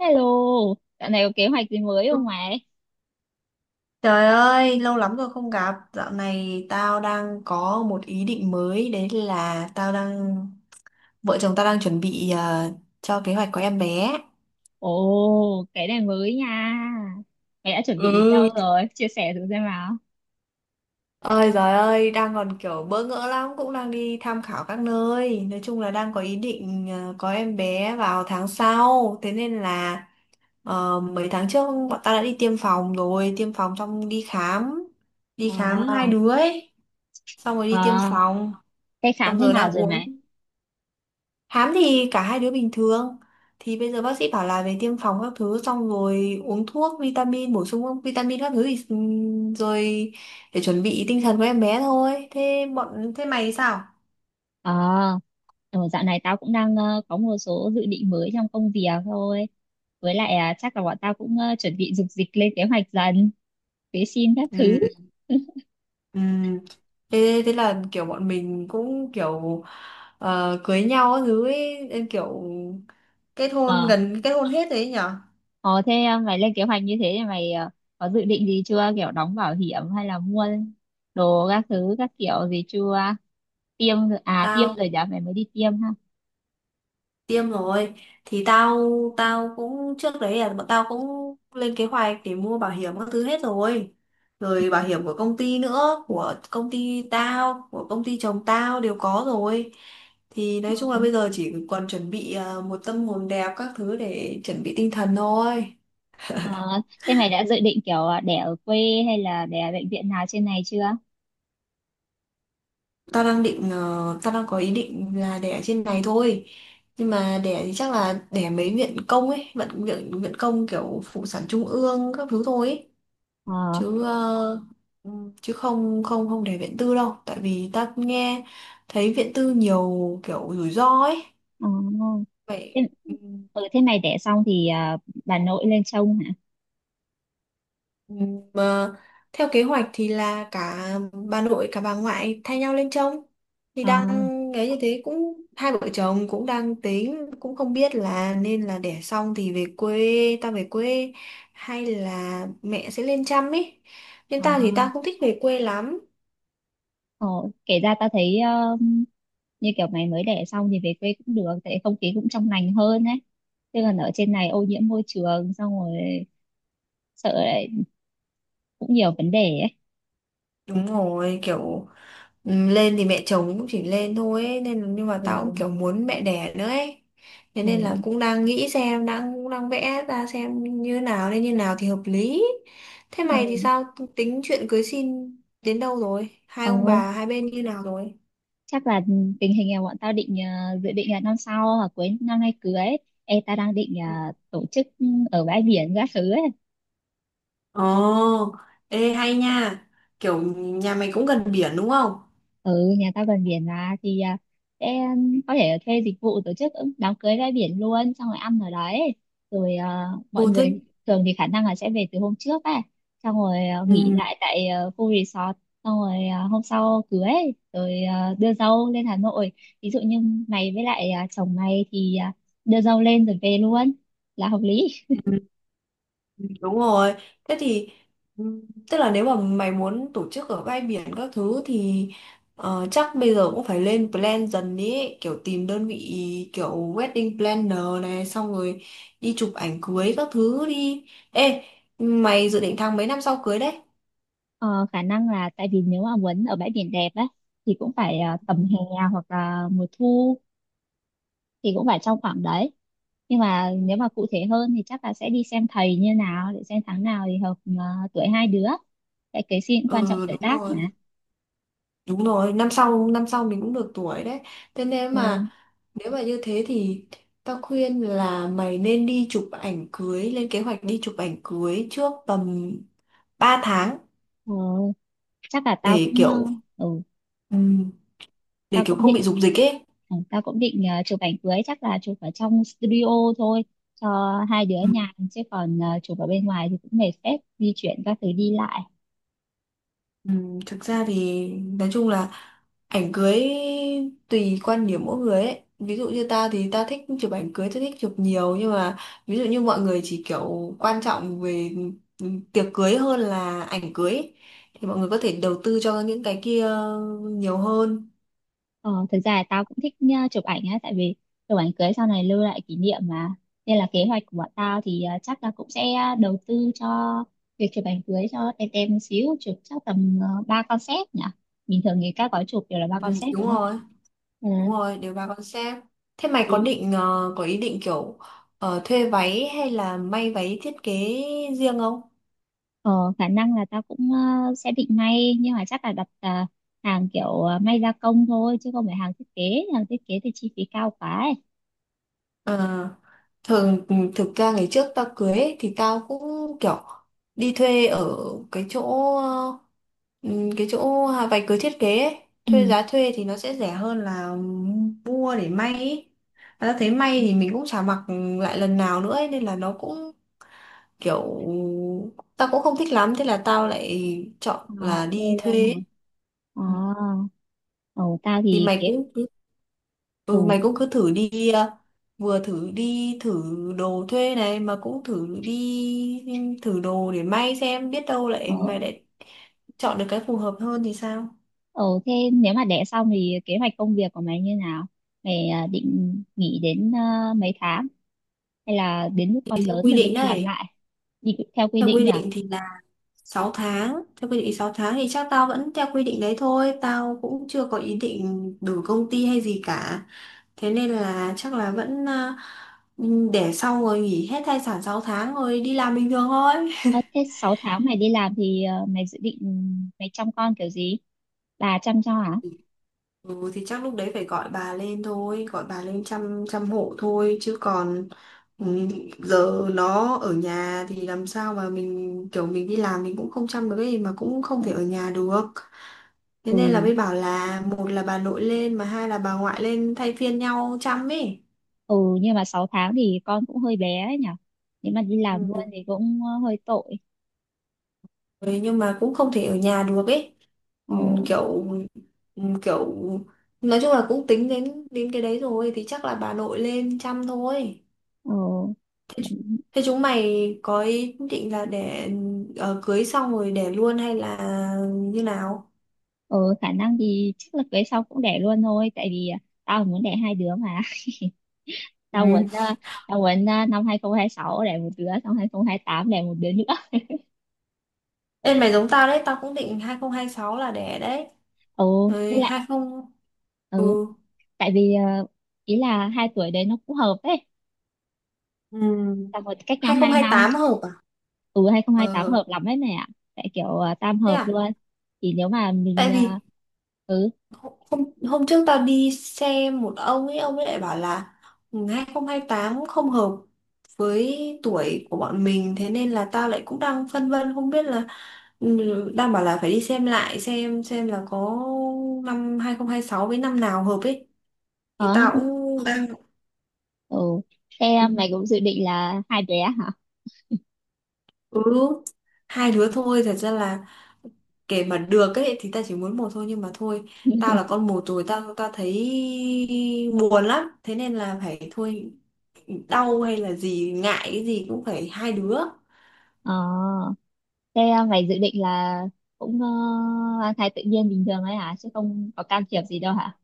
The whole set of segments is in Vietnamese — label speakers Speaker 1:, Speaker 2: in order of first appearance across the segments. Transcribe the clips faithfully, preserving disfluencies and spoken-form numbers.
Speaker 1: Hello, dạo này có kế hoạch gì mới không mày?
Speaker 2: Trời ơi, lâu lắm rồi không gặp. Dạo này tao đang có một ý định mới, đấy là tao đang vợ chồng tao đang chuẩn bị ờ, cho kế hoạch có em bé.
Speaker 1: Ồ, cái này mới nha. Mày đã chuẩn bị đến đâu
Speaker 2: Ừ.
Speaker 1: rồi? Chia sẻ thử xem nào.
Speaker 2: Ôi giời ơi, đang còn kiểu bỡ ngỡ lắm, cũng đang đi tham khảo các nơi. Nói chung là đang có ý định ờ, có em bé vào tháng sau. Thế nên là ờ, mấy tháng trước bọn tao đã đi tiêm phòng rồi, tiêm phòng xong đi khám, đi khám hai
Speaker 1: Ờ,
Speaker 2: đứa ấy. Xong rồi đi tiêm
Speaker 1: ờ,
Speaker 2: phòng,
Speaker 1: cái khám
Speaker 2: xong
Speaker 1: thế
Speaker 2: rồi
Speaker 1: nào
Speaker 2: đang
Speaker 1: rồi
Speaker 2: uống.
Speaker 1: mày?
Speaker 2: Hám thì cả hai đứa bình thường. Thì bây giờ bác sĩ bảo là về tiêm phòng các thứ xong rồi uống thuốc, vitamin, bổ sung vitamin các thứ thì ừm, rồi để chuẩn bị tinh thần của em bé thôi. Thế bọn thế mày thì sao?
Speaker 1: Ờ, ừ, dạo này tao cũng đang ờ, có một số dự định mới trong công việc thôi. Với lại à, chắc là bọn tao cũng ờ, chuẩn bị dục dịch lên kế hoạch dần, vệ sinh các thứ.
Speaker 2: Ừ. Ừ. Thế, thế là kiểu bọn mình cũng kiểu ờ, cưới nhau các thứ ấy, em kiểu kết hôn
Speaker 1: Ờ.
Speaker 2: gần kết hôn hết đấy nhở?
Speaker 1: Ờ thế à, mày lên kế hoạch như thế thì mày à, có dự định gì chưa? Kiểu đóng bảo hiểm hay là mua đồ các thứ các kiểu gì chưa? Tiêm rồi- à tiêm
Speaker 2: Tao
Speaker 1: rồi nhá, mày mới đi tiêm ha.
Speaker 2: tiêm rồi thì tao tao cũng trước đấy là bọn tao cũng lên kế hoạch để mua bảo hiểm các thứ hết rồi, rồi bảo hiểm của công ty nữa, của công ty tao, của công ty chồng tao đều có rồi, thì nói chung là bây giờ chỉ còn chuẩn bị à, một tâm hồn đẹp các thứ để chuẩn bị tinh thần thôi.
Speaker 1: Ờ, thế mày đã dự định kiểu à, đẻ ở quê hay là đẻ ở bệnh viện nào trên này chưa?
Speaker 2: Tao đang định ờ, tao đang có ý định là đẻ trên này thôi, nhưng mà đẻ thì chắc là đẻ mấy viện công ấy, viện viện viện công kiểu phụ sản trung ương các thứ thôi ấy.
Speaker 1: Ờ,
Speaker 2: Chứ ờ, ừ, chứ không không không để viện tư đâu, tại vì ta nghe thấy viện tư nhiều kiểu rủi ro ấy
Speaker 1: ờ.
Speaker 2: vậy.
Speaker 1: Thế,
Speaker 2: Ừ.
Speaker 1: ừ, thế mày đẻ xong thì à, bà nội lên trông hả?
Speaker 2: Ừ, mà theo kế hoạch thì là cả bà nội cả bà ngoại thay nhau lên trông, thì
Speaker 1: Ờ,
Speaker 2: đang ấy, như thế cũng, hai vợ chồng cũng đang tính, cũng không biết là nên là đẻ xong thì về quê, ta về quê hay là mẹ sẽ lên chăm ấy, nhưng
Speaker 1: ờ.
Speaker 2: ta thì ta không thích về quê lắm.
Speaker 1: Ờ, kể ra tao thấy ờ, như kiểu mày mới đẻ xong thì về quê cũng được tại không khí cũng trong lành hơn ấy, chứ còn ở trên này ô nhiễm môi trường xong rồi sợ lại cũng nhiều vấn đề ấy.
Speaker 2: Đúng rồi, kiểu ừm, lên thì mẹ chồng cũng chỉ lên thôi ấy, nên nhưng mà
Speaker 1: Ừ,
Speaker 2: tao cũng kiểu muốn mẹ đẻ nữa ấy. Thế
Speaker 1: ừ,
Speaker 2: nên là cũng đang nghĩ xem, đang cũng đang vẽ ra xem như nào nên như nào thì hợp lý. Thế mày thì
Speaker 1: ừ.
Speaker 2: sao, tính chuyện cưới xin đến đâu rồi? Hai ông
Speaker 1: Ôi,
Speaker 2: bà hai bên như nào rồi?
Speaker 1: chắc là tình hình là bọn tao định ờ, dự định là năm sau hoặc cuối năm nay cưới. Ê, ta đang định ờ, tổ chức ở bãi biển các thứ ấy.
Speaker 2: Ồ, ê hay nha. Kiểu nhà mày cũng gần biển đúng không?
Speaker 1: Ừ, nhà tao gần biển mà, thì à, sẽ có thể thuê dịch vụ tổ chức đám cưới ra biển luôn, xong rồi ăn ở đấy, rồi à, mọi
Speaker 2: Ừ thế.
Speaker 1: người thường thì khả năng là sẽ về từ hôm trước ấy, xong rồi à, nghỉ
Speaker 2: Ừ.
Speaker 1: lại tại à, khu resort, xong rồi à, hôm sau cưới, rồi à, đưa dâu lên Hà Nội. Ví dụ như mày với lại à, chồng mày thì à, đưa dâu lên rồi về luôn là hợp lý.
Speaker 2: Đúng rồi. Thế thì ừm, tức là nếu mà mày muốn tổ chức ở bãi biển các thứ thì ờ, chắc bây giờ cũng phải lên plan dần ý, kiểu tìm đơn vị kiểu wedding planner này, xong rồi đi chụp ảnh cưới các thứ đi. Ê, mày dự định tháng mấy năm sau cưới đấy?
Speaker 1: Ờ, khả năng là tại vì nếu mà muốn ở bãi biển đẹp á thì cũng phải à, tầm hè hoặc là mùa thu, thì cũng phải trong khoảng đấy. Nhưng mà nếu mà cụ thể hơn thì chắc là sẽ đi xem thầy như nào để xem tháng nào thì hợp, ờ, tuổi hai đứa, cái cái gì cũng quan trọng
Speaker 2: Ừ
Speaker 1: tuổi
Speaker 2: đúng
Speaker 1: tác
Speaker 2: rồi,
Speaker 1: mà.
Speaker 2: đúng rồi, năm sau năm sau mình cũng được tuổi đấy. Thế nên
Speaker 1: Ừ.
Speaker 2: mà nếu mà như thế thì tao khuyên là mày nên đi chụp ảnh cưới, lên kế hoạch đi chụp ảnh cưới trước tầm ba tháng,
Speaker 1: ờ, Chắc là tao
Speaker 2: để
Speaker 1: cũng, ờ,
Speaker 2: kiểu
Speaker 1: ừ,
Speaker 2: ừm, để
Speaker 1: tao
Speaker 2: kiểu
Speaker 1: cũng
Speaker 2: không
Speaker 1: định,
Speaker 2: bị rục dịch ấy.
Speaker 1: ừ, tao cũng định ờ, chụp ảnh cưới chắc là chụp ở trong studio thôi cho hai đứa
Speaker 2: Ừ.
Speaker 1: nhàn, chứ còn ờ, chụp ở bên ngoài thì cũng mệt phết, di chuyển các thứ đi lại.
Speaker 2: Ừm, thực ra thì nói chung là ảnh cưới tùy quan điểm mỗi người ấy, ví dụ như ta thì ta thích chụp ảnh cưới, ta thích chụp nhiều, nhưng mà ví dụ như mọi người chỉ kiểu quan trọng về ừm, tiệc cưới hơn là ảnh cưới ấy, thì mọi người có thể đầu tư cho những cái kia nhiều hơn.
Speaker 1: Ờ, thực ra là tao cũng thích nha, chụp ảnh á, tại vì chụp ảnh cưới sau này lưu lại kỷ niệm mà. Nên là kế hoạch của bọn tao thì ờ, chắc là cũng sẽ ờ, đầu tư cho việc chụp ảnh cưới cho tem tem một xíu, chụp chắc tầm uh, ba concept nhỉ. Bình thường thì các gói chụp đều là ba
Speaker 2: Ừ,
Speaker 1: concept đúng
Speaker 2: đúng
Speaker 1: không?
Speaker 2: rồi.
Speaker 1: Ừ,
Speaker 2: Đúng rồi, đều bà con xem. Thế mày có
Speaker 1: thì
Speaker 2: định ờ, có ý định kiểu ờ, thuê váy hay là may váy thiết kế riêng không?
Speaker 1: ờ, khả năng là tao cũng ờ, sẽ định may, nhưng mà chắc là đặt ờ, hàng kiểu ờ, may gia công thôi chứ không phải hàng thiết kế, hàng thiết kế thì chi phí cao quá ấy.
Speaker 2: Ờ, thường thực ra ngày trước tao cưới ấy, thì tao cũng kiểu đi thuê ở cái chỗ ờ, cái chỗ váy cưới thiết kế ấy. Thuê,
Speaker 1: Ừ.
Speaker 2: giá thuê thì nó sẽ rẻ hơn là mua để may ấy. Mà tao thấy may thì mình cũng chả mặc lại lần nào nữa ấy, nên là nó cũng kiểu tao cũng không thích lắm, thế là tao lại chọn
Speaker 1: Ờ,
Speaker 2: là
Speaker 1: thế
Speaker 2: đi thuê
Speaker 1: luôn hả?
Speaker 2: ấy.
Speaker 1: Ờ,
Speaker 2: Ừ.
Speaker 1: ồ, tao
Speaker 2: Thì
Speaker 1: thì
Speaker 2: mày
Speaker 1: kế
Speaker 2: cũng cứ,
Speaker 1: ừ.
Speaker 2: ừ, mày cũng cứ thử đi ờ, vừa thử đi thử đồ thuê này, mà cũng thử đi thử đồ để may, xem biết đâu
Speaker 1: Ờ,
Speaker 2: lại mày lại chọn được cái phù hợp hơn thì sao.
Speaker 1: ờ thế nếu mà đẻ xong thì kế hoạch công việc của mày như nào? Mày à, định nghỉ đến à, mấy tháng hay là đến lúc
Speaker 2: Thì
Speaker 1: con
Speaker 2: theo
Speaker 1: lớn
Speaker 2: quy
Speaker 1: rồi mới
Speaker 2: định
Speaker 1: đi làm
Speaker 2: đấy.
Speaker 1: lại? Đi theo quy
Speaker 2: Theo
Speaker 1: định
Speaker 2: quy
Speaker 1: là
Speaker 2: định thì là sáu tháng, theo quy định sáu tháng thì chắc tao vẫn theo quy định đấy thôi, tao cũng chưa có ý định đổi công ty hay gì cả, thế nên là chắc là vẫn à, để xong rồi nghỉ hết thai sản sáu tháng rồi đi làm bình thường thôi.
Speaker 1: ờ, thế sáu tháng mày đi làm thì à, mày dự định mày chăm con kiểu gì? Bà chăm cho hả?
Speaker 2: Ừ, thì chắc lúc đấy phải gọi bà lên thôi, gọi bà lên chăm chăm hộ thôi, chứ còn ừ, giờ nó ở nhà thì làm sao mà mình, kiểu mình đi làm mình cũng không chăm được ấy, mà cũng không
Speaker 1: Ừ,
Speaker 2: thể ở nhà được. Thế nên là
Speaker 1: ừ,
Speaker 2: mới bảo là một là bà nội lên, mà hai là bà ngoại lên thay phiên nhau chăm ấy.
Speaker 1: ừ, nhưng mà sáu tháng thì con cũng hơi bé ấy nhỉ? Nếu mà đi làm luôn
Speaker 2: Ừ.
Speaker 1: thì cũng ờ, hơi tội.
Speaker 2: Ừ, nhưng mà cũng không thể ở nhà được ấy.
Speaker 1: Ờ,
Speaker 2: Ừ, kiểu ừ, kiểu nói chung là cũng tính đến đến cái đấy rồi thì chắc là bà nội lên chăm thôi.
Speaker 1: ờ.
Speaker 2: Thế chúng mày có ý định là để ờ, cưới xong rồi để luôn hay là như nào?
Speaker 1: ừ, Khả năng thì chắc là cưới sau cũng đẻ luôn thôi, tại vì à, tao muốn đẻ hai đứa mà. Tao muốn
Speaker 2: Ừ.
Speaker 1: à, tao muốn à, năm hai không hai sáu đẻ một đứa, xong hai không hai tám đẻ một đứa nữa.
Speaker 2: Ê mày giống tao đấy, tao cũng định hai không hai sáu là đẻ đấy.
Speaker 1: Ừ, với
Speaker 2: Rồi
Speaker 1: lại
Speaker 2: hai mươi, ừ.
Speaker 1: ừ, tại vì à, ý là hai tuổi đấy nó cũng hợp ấy,
Speaker 2: Ừ.
Speaker 1: tao một cách nhau hai năm.
Speaker 2: hai không hai tám hợp à?
Speaker 1: Ừ, hai không hai tám
Speaker 2: Ờ
Speaker 1: hợp lắm ấy mẹ ạ, tại kiểu à, tam
Speaker 2: thế
Speaker 1: hợp
Speaker 2: à?
Speaker 1: luôn. Thì nếu mà
Speaker 2: Tại
Speaker 1: mình à,
Speaker 2: vì
Speaker 1: ừ
Speaker 2: Hôm, hôm trước tao đi xem một ông ấy, ông ấy lại bảo là hai không hai tám, không hai tám không hợp với tuổi của bọn mình, thế nên là tao lại cũng đang phân vân không biết là, ừ, đang bảo là phải đi xem lại, xem xem là có năm hai không hai sáu với năm nào hợp ấy. Thì
Speaker 1: ờ hay
Speaker 2: tao
Speaker 1: không
Speaker 2: cũng đang,
Speaker 1: ừ. Thế à, mày cũng dự định là hai bé hả.
Speaker 2: ừ, hai đứa thôi. Thật ra là kể mà được ấy thì ta chỉ muốn một thôi, nhưng mà thôi, tao là con một rồi, tao tao thấy buồn lắm, thế nên là phải thôi, đau hay là gì ngại cái gì cũng phải hai đứa.
Speaker 1: Ờ. Thế à, mày dự định là cũng uh, mang thai tự nhiên bình thường ấy hả? Chứ không có can thiệp gì đâu hả?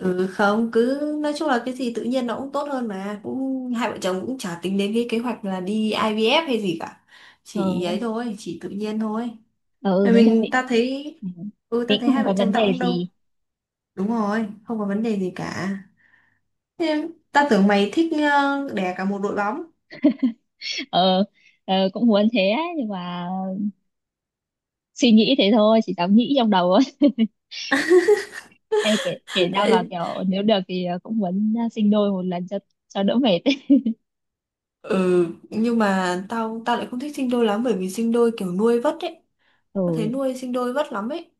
Speaker 2: Ừ, không, cứ nói chung là cái gì tự nhiên nó cũng tốt hơn mà, cũng hai vợ chồng cũng chả tính đến cái kế hoạch là đi ai vi ép hay gì cả,
Speaker 1: Ờ,
Speaker 2: chỉ ấy thôi, chỉ tự nhiên thôi.
Speaker 1: ờ, ừ,
Speaker 2: Rồi
Speaker 1: nói chung
Speaker 2: mình
Speaker 1: định
Speaker 2: ta thấy,
Speaker 1: ừ,
Speaker 2: ừ, ta
Speaker 1: định
Speaker 2: thấy
Speaker 1: cũng
Speaker 2: hai
Speaker 1: không
Speaker 2: vợ
Speaker 1: có
Speaker 2: chồng
Speaker 1: vấn
Speaker 2: tao
Speaker 1: đề
Speaker 2: cũng đâu,
Speaker 1: gì.
Speaker 2: đúng rồi, không có vấn đề gì cả. Thế ta tưởng mày thích ờ, đẻ cả một đội bóng.
Speaker 1: Ờ, ờ, cũng muốn thế ấy, nhưng mà suy nghĩ thế thôi, chỉ dám nghĩ trong đầu thôi. Ê, kể, kể ra mà kiểu nếu được thì ờ, cũng muốn ờ, sinh đôi một lần cho cho đỡ mệt ấy.
Speaker 2: Ừ, nhưng mà tao tao lại không thích sinh đôi lắm, bởi vì sinh đôi kiểu nuôi vất ấy. Tao thấy
Speaker 1: Ừ,
Speaker 2: nuôi sinh đôi vất lắm ấy.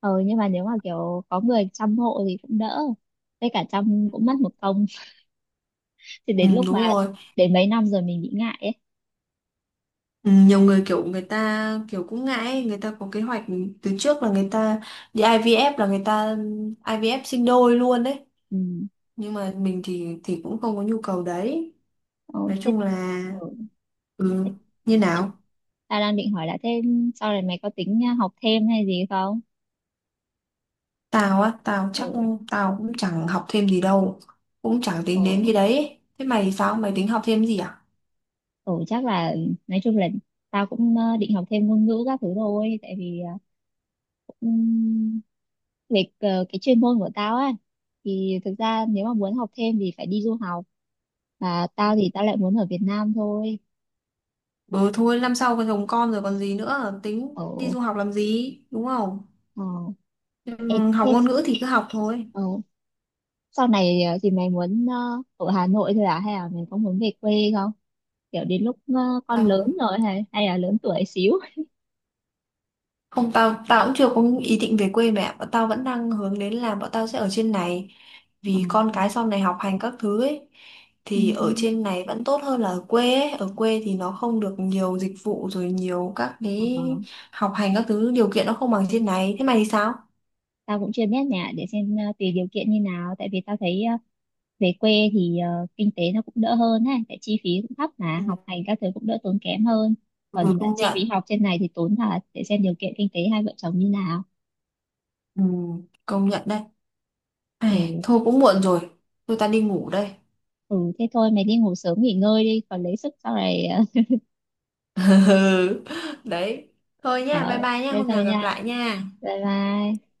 Speaker 1: ờ, nhưng mà nếu mà kiểu có người chăm hộ thì cũng đỡ. Với cả chăm cũng mất một công. Thì
Speaker 2: Ừ,
Speaker 1: đến lúc
Speaker 2: đúng
Speaker 1: mà
Speaker 2: rồi.
Speaker 1: đến mấy năm rồi mình bị ngại ấy.
Speaker 2: Ừ, nhiều người kiểu người ta kiểu cũng ngại ấy. Người ta có kế hoạch từ trước là người ta đi i vê ép, là người ta ai vi ép sinh đôi luôn đấy.
Speaker 1: Ừ.
Speaker 2: Nhưng mà mình thì thì cũng không có nhu cầu đấy.
Speaker 1: Ờ,
Speaker 2: Nói
Speaker 1: thế.
Speaker 2: chung là,
Speaker 1: Ừ.
Speaker 2: ừ, như nào?
Speaker 1: Ta đang định hỏi là thêm sau này mày có tính học thêm hay gì không?
Speaker 2: Tao á, tao chắc
Speaker 1: Ừ,
Speaker 2: tao cũng chẳng học thêm gì đâu. Cũng chẳng
Speaker 1: ừ,
Speaker 2: tính đến cái đấy. Thế mày thì sao? Mày tính học thêm gì à?
Speaker 1: ừ chắc là nói chung là tao cũng ờ, định học thêm ngôn ngữ các thứ thôi, tại vì ờ, cũng về ờ, cái chuyên môn của tao ấy, thì thực ra nếu mà muốn học thêm thì phải đi du học, và tao thì tao lại muốn ở Việt Nam thôi.
Speaker 2: Ừ thôi, năm sau còn chồng con rồi còn gì nữa, tính đi
Speaker 1: Ở,
Speaker 2: du học làm gì đúng không.
Speaker 1: ờ, ê,
Speaker 2: Ừm, học
Speaker 1: thế,
Speaker 2: ngôn ngữ thì cứ học thôi.
Speaker 1: ờ, sau này ờ, thì mày muốn ờ, ở Hà Nội thôi à, hay là mày có muốn về quê không, kiểu đến lúc ờ, con lớn
Speaker 2: Tao-
Speaker 1: rồi hay hay là lớn tuổi xíu.
Speaker 2: Không, tao tao cũng chưa có ý định về quê, mẹ bọn tao vẫn đang hướng đến là bọn tao sẽ ở trên này,
Speaker 1: Ờ,
Speaker 2: vì con cái sau này học hành các thứ ấy,
Speaker 1: ừ,
Speaker 2: thì ở trên này vẫn tốt hơn là ở quê ấy. Ở quê thì nó không được nhiều dịch vụ rồi, nhiều các cái
Speaker 1: ờ,
Speaker 2: học hành các thứ điều kiện nó không bằng trên này. Thế mày thì sao?
Speaker 1: tao cũng chưa biết nhà, để xem ờ, tùy điều kiện như nào, tại vì tao thấy ờ, về quê thì ờ, kinh tế nó cũng đỡ hơn ha, tại chi phí cũng thấp
Speaker 2: Ừ,
Speaker 1: mà học hành các thứ cũng đỡ tốn kém hơn,
Speaker 2: ừ,
Speaker 1: còn ờ,
Speaker 2: công
Speaker 1: chi
Speaker 2: nhận.
Speaker 1: phí học trên này thì tốn thật, để xem điều kiện kinh tế hai vợ chồng như nào.
Speaker 2: Ừ, công nhận đấy. Ai,
Speaker 1: Ừ,
Speaker 2: thôi cũng muộn rồi, tôi ta đi ngủ đây.
Speaker 1: ừ thế thôi mày đi ngủ sớm nghỉ ngơi đi còn lấy sức sau này, ờ,
Speaker 2: Ừ, đấy, thôi nha, bye
Speaker 1: ờ,
Speaker 2: bye nha,
Speaker 1: thế
Speaker 2: hôm
Speaker 1: thôi
Speaker 2: nào gặp
Speaker 1: nha,
Speaker 2: lại nha.
Speaker 1: bye bye